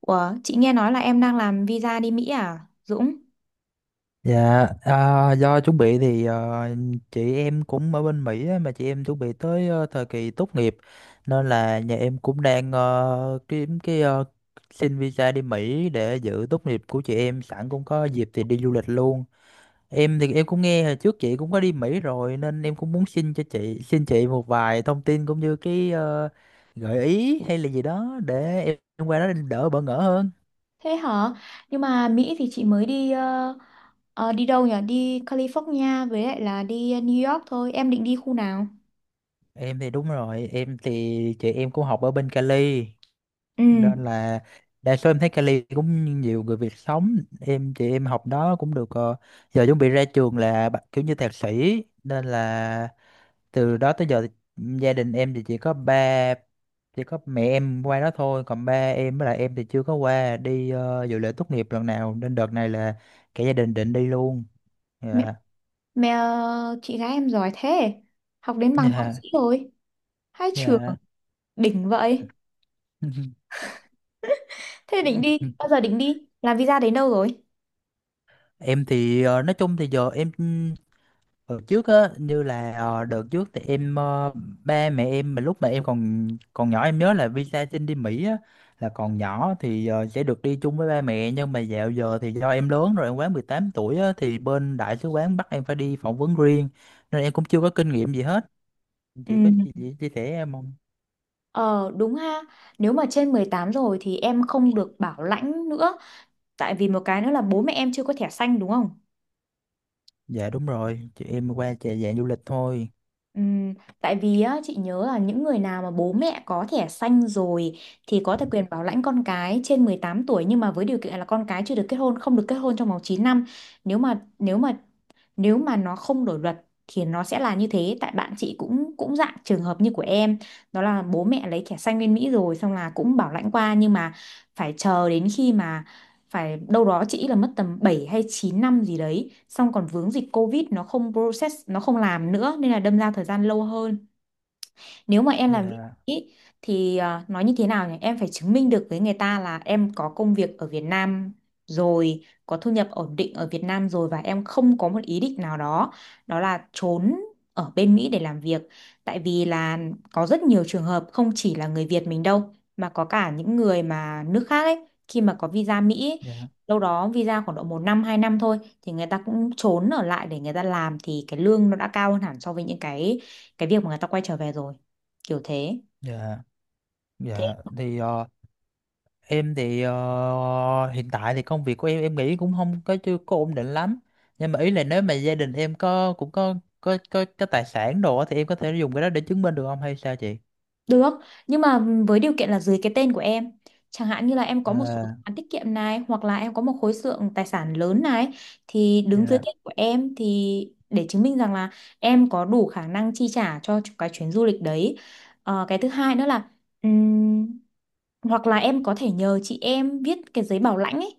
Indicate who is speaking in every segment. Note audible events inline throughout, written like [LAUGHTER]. Speaker 1: Ủa, chị nghe nói là em đang làm visa đi Mỹ à, Dũng?
Speaker 2: Dạ, do chuẩn bị thì chị em cũng ở bên Mỹ á, mà chị em chuẩn bị tới thời kỳ tốt nghiệp, nên là nhà em cũng đang kiếm cái xin visa đi Mỹ để dự tốt nghiệp của chị em, sẵn cũng có dịp thì đi du lịch luôn. Em thì em cũng nghe hồi trước chị cũng có đi Mỹ rồi nên em cũng muốn xin cho chị, xin chị một vài thông tin cũng như cái gợi ý hay là gì đó để em qua đó đỡ bỡ ngỡ hơn.
Speaker 1: Thế hả? Nhưng mà Mỹ thì chị mới đi đi đâu nhỉ? Đi California với lại là đi New York thôi. Em định đi khu nào?
Speaker 2: Em thì đúng rồi, em thì chị em cũng học ở bên Cali,
Speaker 1: Ừ,
Speaker 2: nên là đa số em thấy Cali cũng nhiều người Việt sống, em chị em học đó cũng được, giờ chuẩn bị ra trường là kiểu như thạc sĩ, nên là từ đó tới giờ thì gia đình em thì chỉ có mẹ em qua đó thôi, còn ba em với lại em thì chưa có qua đi dự lễ tốt nghiệp lần nào, nên đợt này là cả gia đình định đi luôn.
Speaker 1: mẹ,
Speaker 2: Dạ.
Speaker 1: mẹ, chị gái em giỏi thế. Học đến bằng thạc
Speaker 2: Dạ.
Speaker 1: sĩ rồi. Hai trường
Speaker 2: Dạ.
Speaker 1: đỉnh vậy. [LAUGHS] Bao giờ
Speaker 2: [LAUGHS]
Speaker 1: định đi? Làm visa đến đâu rồi?
Speaker 2: Em thì nói chung thì giờ hồi trước á, như là đợt trước thì ba mẹ em mà lúc mà em còn còn nhỏ, em nhớ là visa xin đi Mỹ á, là còn nhỏ thì sẽ được đi chung với ba mẹ, nhưng mà dạo giờ thì do em lớn rồi, em quá 18 tuổi á, thì bên đại sứ quán bắt em phải đi phỏng vấn riêng, nên em cũng chưa có kinh nghiệm gì hết. Chị có chị,
Speaker 1: Ừ.
Speaker 2: chị chia sẻ em không?
Speaker 1: Ờ đúng ha, nếu mà trên 18 rồi thì em không được bảo lãnh nữa. Tại vì một cái nữa là bố mẹ em chưa có thẻ xanh đúng không?
Speaker 2: Dạ đúng rồi, chị em qua chạy dạng du lịch thôi.
Speaker 1: Ừm, tại vì á, chị nhớ là những người nào mà bố mẹ có thẻ xanh rồi thì có thể quyền bảo lãnh con cái trên 18 tuổi, nhưng mà với điều kiện là con cái chưa được kết hôn, không được kết hôn trong vòng 9 năm. Nếu mà nếu mà nó không đổi luật thì nó sẽ là như thế, tại bạn chị cũng cũng dạng trường hợp như của em, đó là bố mẹ lấy thẻ xanh bên Mỹ rồi xong là cũng bảo lãnh qua, nhưng mà phải chờ đến khi mà phải đâu đó chị là mất tầm 7 hay 9 năm gì đấy, xong còn vướng dịch Covid nó không process, nó không làm nữa nên là đâm ra thời gian lâu hơn. Nếu mà em làm
Speaker 2: Dạ.
Speaker 1: VNI ý, thì nói như thế nào nhỉ, em phải chứng minh được với người ta là em có công việc ở Việt Nam rồi, có thu nhập ổn định ở Việt Nam rồi, và em không có một ý định nào đó, đó là trốn ở bên Mỹ để làm việc. Tại vì là có rất nhiều trường hợp không chỉ là người Việt mình đâu, mà có cả những người mà nước khác ấy, khi mà có visa Mỹ ấy,
Speaker 2: Dạ.
Speaker 1: đâu đó visa khoảng độ 1 năm 2 năm thôi thì người ta cũng trốn ở lại để người ta làm, thì cái lương nó đã cao hơn hẳn so với những cái việc mà người ta quay trở về rồi, kiểu thế thế
Speaker 2: Dạ. Dạ thì em thì hiện tại thì công việc của em nghĩ cũng không có, chưa có ổn định lắm. Nhưng mà ý là nếu mà gia đình em có, cũng có có tài sản đồ á, thì em có thể dùng cái đó để chứng minh được không hay sao chị?
Speaker 1: Được, nhưng mà với điều kiện là dưới cái tên của em. Chẳng hạn như là em có một số
Speaker 2: À,
Speaker 1: khoản tiết kiệm này, hoặc là em có một khối lượng tài sản lớn này, thì đứng dưới
Speaker 2: dạ,
Speaker 1: tên của em thì để chứng minh rằng là em có đủ khả năng chi trả cho cái chuyến du lịch đấy. Ờ, cái thứ hai nữa là ừm, hoặc là em có thể nhờ chị em viết cái giấy bảo lãnh ấy.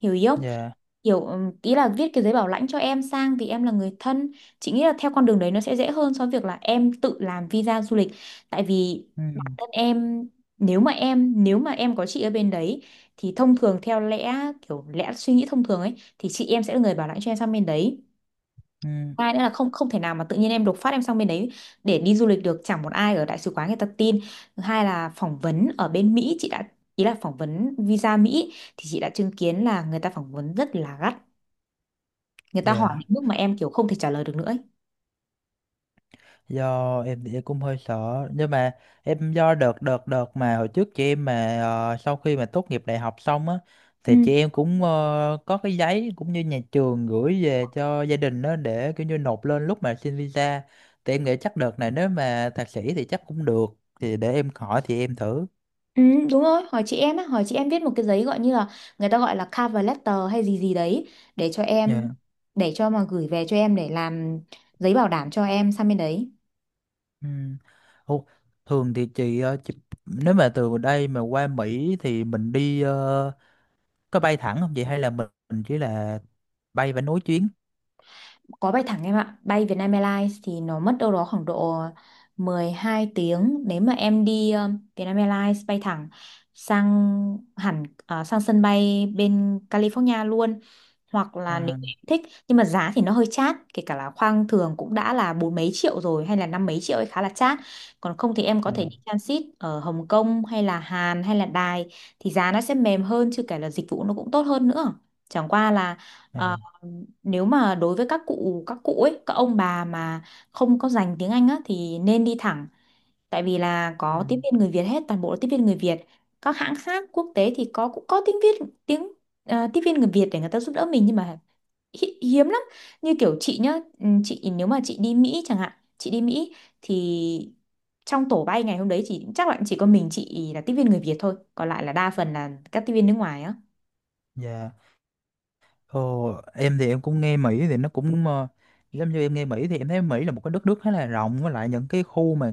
Speaker 1: Hiểu ý không?
Speaker 2: dạ.
Speaker 1: Hiểu Ý là viết cái giấy bảo lãnh cho em sang vì em là người thân. Chị nghĩ là theo con đường đấy nó sẽ dễ hơn so với việc là em tự làm visa du lịch, tại vì
Speaker 2: Ừ,
Speaker 1: bản thân em, nếu mà em có chị ở bên đấy thì thông thường theo kiểu lẽ suy nghĩ thông thường ấy thì chị em sẽ là người bảo lãnh cho em sang bên đấy.
Speaker 2: ừ,
Speaker 1: Hai nữa là không không thể nào mà tự nhiên em đột phát em sang bên đấy để đi du lịch được, chẳng một ai ở đại sứ quán người ta tin. Thứ hai là phỏng vấn ở bên Mỹ chị đã ý là phỏng vấn visa Mỹ thì chị đã chứng kiến là người ta phỏng vấn rất là gắt, người ta hỏi
Speaker 2: dạ.
Speaker 1: những bước mà em kiểu không thể trả lời được nữa ấy.
Speaker 2: Do em thì em cũng hơi sợ, nhưng mà em do đợt đợt đợt mà hồi trước chị em mà sau khi mà tốt nghiệp đại học xong á, thì chị em cũng có cái giấy cũng như nhà trường gửi về cho gia đình đó để kiểu như nộp lên lúc mà xin visa, thì em nghĩ chắc đợt này nếu mà thạc sĩ thì chắc cũng được, thì để em hỏi thì em thử.
Speaker 1: Ừ, đúng rồi, hỏi chị em á, hỏi chị em viết một cái giấy gọi như là, người ta gọi là cover letter hay gì gì đấy, để cho em
Speaker 2: Dạ.
Speaker 1: để cho mà gửi về cho em để làm giấy bảo đảm cho em sang bên đấy.
Speaker 2: Ừ. Ồ, thường thì chị, chị, nếu mà từ đây mà qua Mỹ thì mình đi có bay thẳng không chị, hay là mình chỉ là bay và nối chuyến?
Speaker 1: Có bay thẳng em ạ, bay Vietnam Airlines thì nó mất đâu đó khoảng độ 12 tiếng, nếu mà em đi Vietnam Airlines bay thẳng sang, sang sân bay bên California luôn, hoặc là nếu
Speaker 2: À,
Speaker 1: em thích. Nhưng mà giá thì nó hơi chát, kể cả là khoang thường cũng đã là bốn mấy triệu rồi hay là năm mấy triệu ấy, khá là chát. Còn không thì em có thể
Speaker 2: dạ,
Speaker 1: đi transit ở Hồng Kông hay là Hàn hay là Đài thì giá nó sẽ mềm hơn, chứ kể là dịch vụ nó cũng tốt hơn nữa. Chẳng qua là
Speaker 2: à,
Speaker 1: ờ, nếu mà đối với các cụ, các cụ ấy các ông bà mà không có dành tiếng Anh á thì nên đi thẳng, tại vì là
Speaker 2: ừ,
Speaker 1: có tiếp viên người Việt hết, toàn bộ là tiếp viên người Việt. Các hãng khác quốc tế thì cũng có tiếng Việt, tiếng tiếp viên người Việt để người ta giúp đỡ mình, nhưng mà hiếm lắm. Như kiểu chị nhá, ừ, chị nếu mà chị đi Mỹ chẳng hạn chị đi Mỹ thì trong tổ bay ngày hôm đấy chỉ chắc là chỉ có mình chị là tiếp viên người Việt thôi, còn lại là đa phần là các tiếp viên nước ngoài á.
Speaker 2: dạ. Ồ, em thì em cũng nghe Mỹ thì nó cũng giống như em nghe Mỹ thì em thấy Mỹ là một cái đất nước khá là rộng, với lại những cái khu mà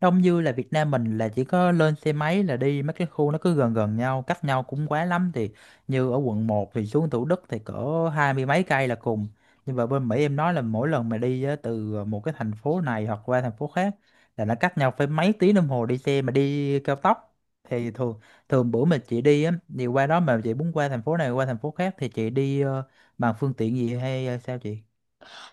Speaker 2: đông như là Việt Nam mình là chỉ có lên xe máy là đi, mấy cái khu nó cứ gần gần nhau, cách nhau cũng quá lắm thì như ở quận một thì xuống Thủ Đức thì cỡ 20 mấy cây là cùng, nhưng mà bên Mỹ em nói là mỗi lần mà đi á, từ một cái thành phố này hoặc qua thành phố khác là nó cách nhau phải mấy tiếng đồng hồ đi xe mà đi cao tốc. Thì thường thường bữa mà chị đi á, thì qua đó mà chị muốn qua thành phố này qua thành phố khác thì chị đi bằng phương tiện gì hay sao chị?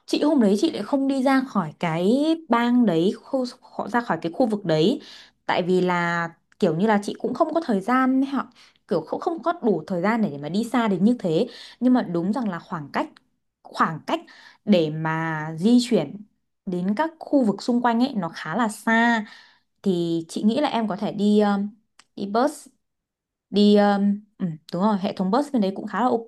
Speaker 1: Chị hôm đấy chị lại không đi ra khỏi cái bang đấy, ra khỏi cái khu vực đấy, tại vì là kiểu như là chị cũng không có thời gian ấy, họ kiểu không không có đủ thời gian để mà đi xa đến như thế. Nhưng mà đúng rằng là khoảng cách, khoảng cách để mà di chuyển đến các khu vực xung quanh ấy nó khá là xa. Thì chị nghĩ là em có thể đi đi bus, đi ừ, đúng rồi, hệ thống bus bên đấy cũng khá là ok.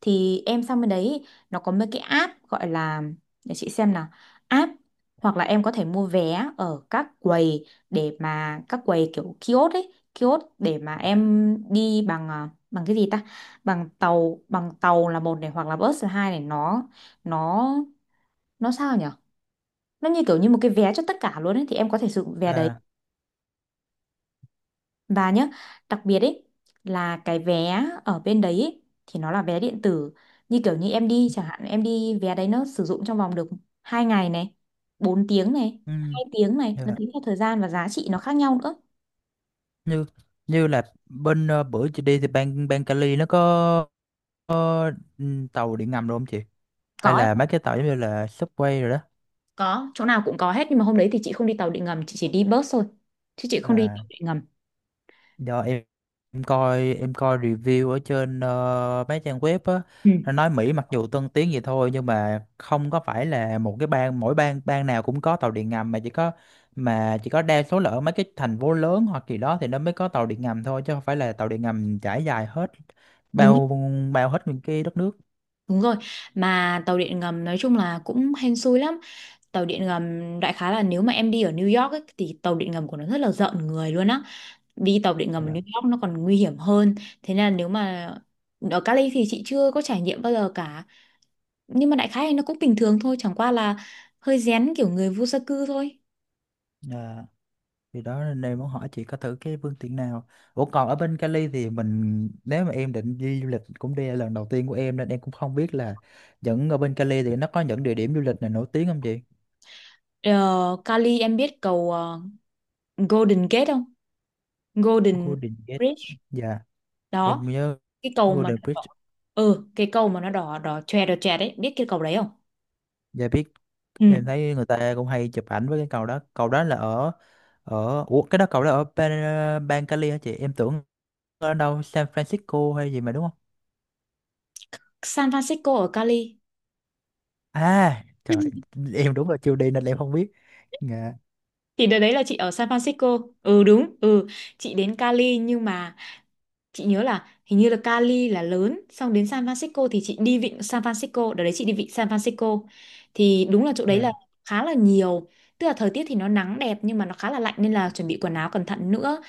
Speaker 1: Thì em sang bên đấy nó có mấy cái app gọi là, để chị xem nào, app, hoặc là em có thể mua vé ở các quầy, để mà các quầy kiểu kiosk ấy, kiosk để mà em đi bằng, bằng cái gì ta, bằng tàu, là một này, hoặc là bus là hai này, nó, nó nó sao nhở, nó như kiểu như một cái vé cho tất cả luôn ấy, thì em có thể sử dụng vé đấy.
Speaker 2: Là
Speaker 1: Và nhá, đặc biệt ấy, là cái vé ở bên đấy ấy, thì nó là vé điện tử. Như kiểu như em đi chẳng hạn, em đi vé đấy, nó sử dụng trong vòng được 2 ngày này, 4 tiếng này,
Speaker 2: ừ,
Speaker 1: 2 tiếng này,
Speaker 2: như
Speaker 1: nó
Speaker 2: là
Speaker 1: tính theo thời gian và giá trị nó khác nhau nữa.
Speaker 2: như như là bên bữa chị đi thì bang bang Cali nó có ừ, tàu điện ngầm rồi không chị, hay
Speaker 1: Có em
Speaker 2: là
Speaker 1: ạ,
Speaker 2: mấy cái tàu giống như là subway rồi?
Speaker 1: có, chỗ nào cũng có hết, nhưng mà hôm đấy thì chị không đi tàu điện ngầm, chị chỉ đi bus thôi. Chứ chị không đi tàu
Speaker 2: Đó.
Speaker 1: điện ngầm.
Speaker 2: Do em, em coi review ở trên mấy trang web á,
Speaker 1: Ừ,
Speaker 2: nó nói Mỹ mặc dù tân tiến vậy thôi, nhưng mà không có phải là một cái bang, mỗi bang bang nào cũng có tàu điện ngầm, mà chỉ có, mà chỉ có đa số là ở mấy cái thành phố lớn hoặc gì đó thì nó mới có tàu điện ngầm thôi, chứ không phải là tàu điện ngầm trải dài hết
Speaker 1: đúng
Speaker 2: bao bao hết những cái đất nước.
Speaker 1: đúng rồi. Mà tàu điện ngầm nói chung là cũng hên xui lắm. Tàu điện ngầm đại khái là nếu mà em đi ở New York ấy, thì tàu điện ngầm của nó rất là rợn người luôn á, đi tàu điện ngầm ở
Speaker 2: Dạ.
Speaker 1: New York nó còn nguy hiểm hơn. Thế nên là nếu mà ở Cali thì chị chưa có trải nghiệm bao giờ cả, nhưng mà đại khái thì nó cũng bình thường thôi, chẳng qua là hơi rén kiểu người vô gia cư thôi.
Speaker 2: Ờ. Thì đó nên em muốn hỏi chị có thử cái phương tiện nào. Ủa còn ở bên Cali thì mình, nếu mà em định đi du lịch, cũng đây là lần đầu tiên của em nên em cũng không biết là những, ở bên Cali thì nó có những địa điểm du lịch nào nổi tiếng không chị?
Speaker 1: Ờ, Cali em biết cầu Golden Gate không? Golden
Speaker 2: Golden Gate.
Speaker 1: Bridge
Speaker 2: Dạ,
Speaker 1: đó,
Speaker 2: em nhớ
Speaker 1: cái cầu mà
Speaker 2: Golden
Speaker 1: nó đỏ,
Speaker 2: Bridge.
Speaker 1: ừ, cái cầu mà nó đỏ đỏ chòe đấy, biết cái cầu đấy không?
Speaker 2: Dạ biết.
Speaker 1: Ừ.
Speaker 2: Em thấy người ta cũng hay chụp ảnh với cái cầu đó. Cầu đó là ở ở, ủa cái đó cầu đó ở bang Cali hả chị? Em tưởng ở đâu San Francisco hay gì mà đúng không?
Speaker 1: San Francisco ở Cali.
Speaker 2: À, trời, em đúng là chưa đi nên em không biết. Dạ.
Speaker 1: Thì đợt đấy là chị ở San Francisco. Ừ đúng, ừ. Chị đến Cali, nhưng mà chị nhớ là hình như là Cali là lớn, xong đến San Francisco thì chị đi vịnh San Francisco, đợt đấy chị đi vịnh San Francisco. Thì đúng là chỗ đấy là
Speaker 2: Dạ.
Speaker 1: khá là nhiều. Tức là thời tiết thì nó nắng đẹp nhưng mà nó khá là lạnh nên là chuẩn bị quần áo cẩn thận nữa.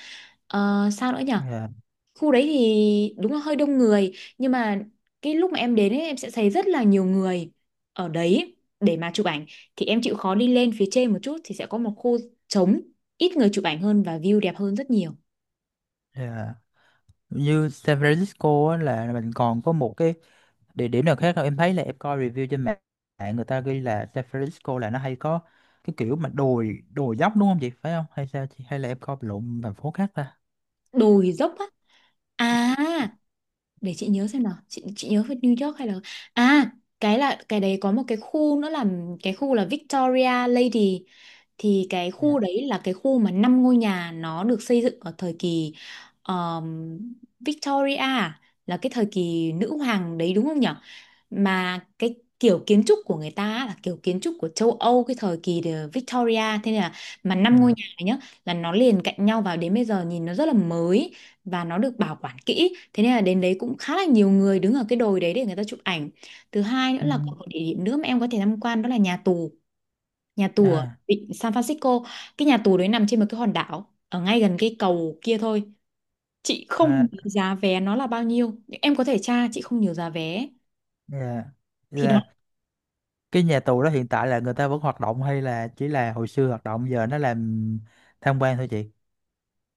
Speaker 1: Ờ, sao nữa nhỉ?
Speaker 2: Dạ.
Speaker 1: Khu đấy thì đúng là hơi đông người, nhưng mà cái lúc mà em đến ấy em sẽ thấy rất là nhiều người ở đấy để mà chụp ảnh, thì em chịu khó đi lên phía trên một chút thì sẽ có một khu trống, ít người chụp ảnh hơn và view đẹp hơn rất nhiều.
Speaker 2: Yeah. Như San Francisco á, là mình còn có một cái địa điểm nào khác không? Em thấy là em coi review trên mạng mạng người ta ghi là San Francisco là nó hay có cái kiểu mà đồi đồi dốc đúng không chị? Phải không? Hay sao chị? Hay là em coi lộn thành phố khác ta?
Speaker 1: Đồi dốc á? à để chị nhớ xem nào, chị nhớ về New York hay là, à cái là, đấy có một cái khu nữa là, cái khu là Victoria Lady, thì cái
Speaker 2: Dạ,
Speaker 1: khu đấy là cái khu mà 5 ngôi nhà nó được xây dựng ở thời kỳ um, Victoria à? Là cái thời kỳ nữ hoàng đấy đúng không nhỉ, mà cái kiểu kiến trúc của người ta á, là kiểu kiến trúc của châu Âu cái thời kỳ the Victoria. Thế nên là, mà năm ngôi
Speaker 2: dạ.
Speaker 1: nhà này nhá, là nó liền cạnh nhau, vào đến bây giờ nhìn nó rất là mới và nó được bảo quản kỹ, thế nên là đến đấy cũng khá là nhiều người đứng ở cái đồi đấy để người ta chụp ảnh. Thứ hai nữa
Speaker 2: Ừ.
Speaker 1: là còn một địa điểm nữa mà em có thể tham quan, đó là nhà tù, nhà tù ở
Speaker 2: À,
Speaker 1: vịnh San Francisco. Cái nhà tù đấy nằm trên một cái hòn đảo ở ngay gần cái cầu kia thôi. Chị
Speaker 2: à,
Speaker 1: không nhớ giá vé nó là bao nhiêu nhưng em có thể tra, chị không nhớ giá vé.
Speaker 2: dạ.
Speaker 1: Thì nó,
Speaker 2: Dạ. Cái nhà tù đó hiện tại là người ta vẫn hoạt động hay là chỉ là hồi xưa hoạt động giờ nó làm tham quan thôi chị?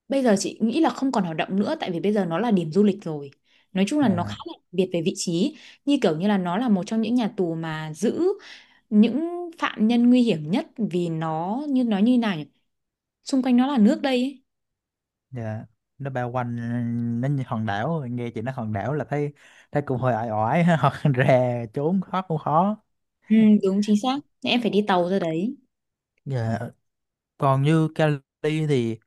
Speaker 1: bây giờ chị nghĩ là không còn hoạt động nữa, tại vì bây giờ nó là điểm du lịch rồi. Nói chung là nó khá
Speaker 2: Dạ.
Speaker 1: là đặc biệt về vị trí, như kiểu như là nó là một trong những nhà tù mà giữ những phạm nhân nguy hiểm nhất, vì nó như nói như nào nhỉ? Xung quanh nó là nước đây ấy.
Speaker 2: Dạ, nó bao quanh, nó như hòn đảo, nghe chị nói hòn đảo là thấy, thấy cũng hơi ỏi ỏi [LAUGHS] hoặc rè trốn thoát cũng khó.
Speaker 1: Ừ, đúng chính xác. Em phải đi tàu ra đấy.
Speaker 2: Dạ còn như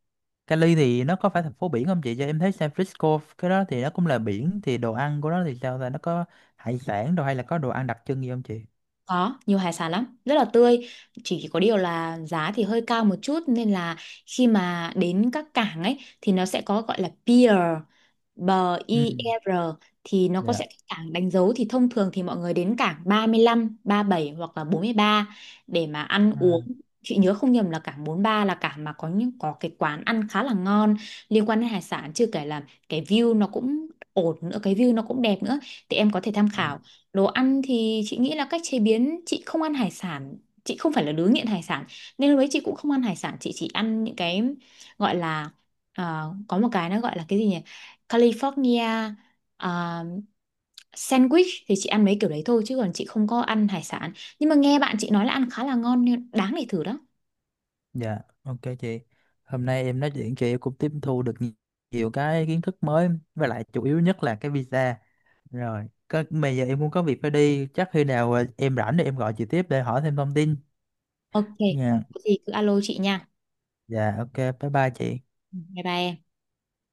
Speaker 2: Cali thì nó có phải thành phố biển không chị, cho em thấy San Francisco cái đó thì nó cũng là biển, thì đồ ăn của nó thì sao ta, nó có hải sản đồ hay là có đồ ăn đặc trưng gì không chị?
Speaker 1: Có, nhiều hải sản lắm, rất là tươi. Chỉ có điều là giá thì hơi cao một chút, nên là khi mà đến các cảng ấy thì nó sẽ có gọi là pier, bờ
Speaker 2: Ừ.
Speaker 1: IR, thì nó có
Speaker 2: Dạ.
Speaker 1: sẽ cái cảng đánh dấu, thì thông thường thì mọi người đến cảng 35, bảy hoặc là 43 để mà ăn uống.
Speaker 2: À,
Speaker 1: Chị nhớ không nhầm là cảng 43 là cảng mà có cái quán ăn khá là ngon liên quan đến hải sản, chưa kể là cái view nó cũng ổn nữa, cái view nó cũng đẹp nữa, thì em có thể tham
Speaker 2: ừ.
Speaker 1: khảo. Đồ ăn thì chị nghĩ là cách chế biến, chị không ăn hải sản, chị không phải là đứa nghiện hải sản, nên lúc đấy chị cũng không ăn hải sản, chị chỉ ăn những cái gọi là, có một cái nó gọi là cái gì nhỉ, California, ờ, sandwich, thì chị ăn mấy kiểu đấy thôi chứ còn chị không có ăn hải sản, nhưng mà nghe bạn chị nói là ăn khá là ngon nên đáng để thử đó.
Speaker 2: Dạ ok chị, hôm nay em nói chuyện chị cũng tiếp thu được nhiều cái kiến thức mới, với lại chủ yếu nhất là cái visa, rồi có bây giờ em cũng có việc phải đi, chắc khi nào em rảnh thì em gọi chị tiếp để hỏi thêm thông tin
Speaker 1: Ok,
Speaker 2: nha.
Speaker 1: có gì cứ alo chị nha.
Speaker 2: Dạ ok bye bye chị.
Speaker 1: Bye bye em.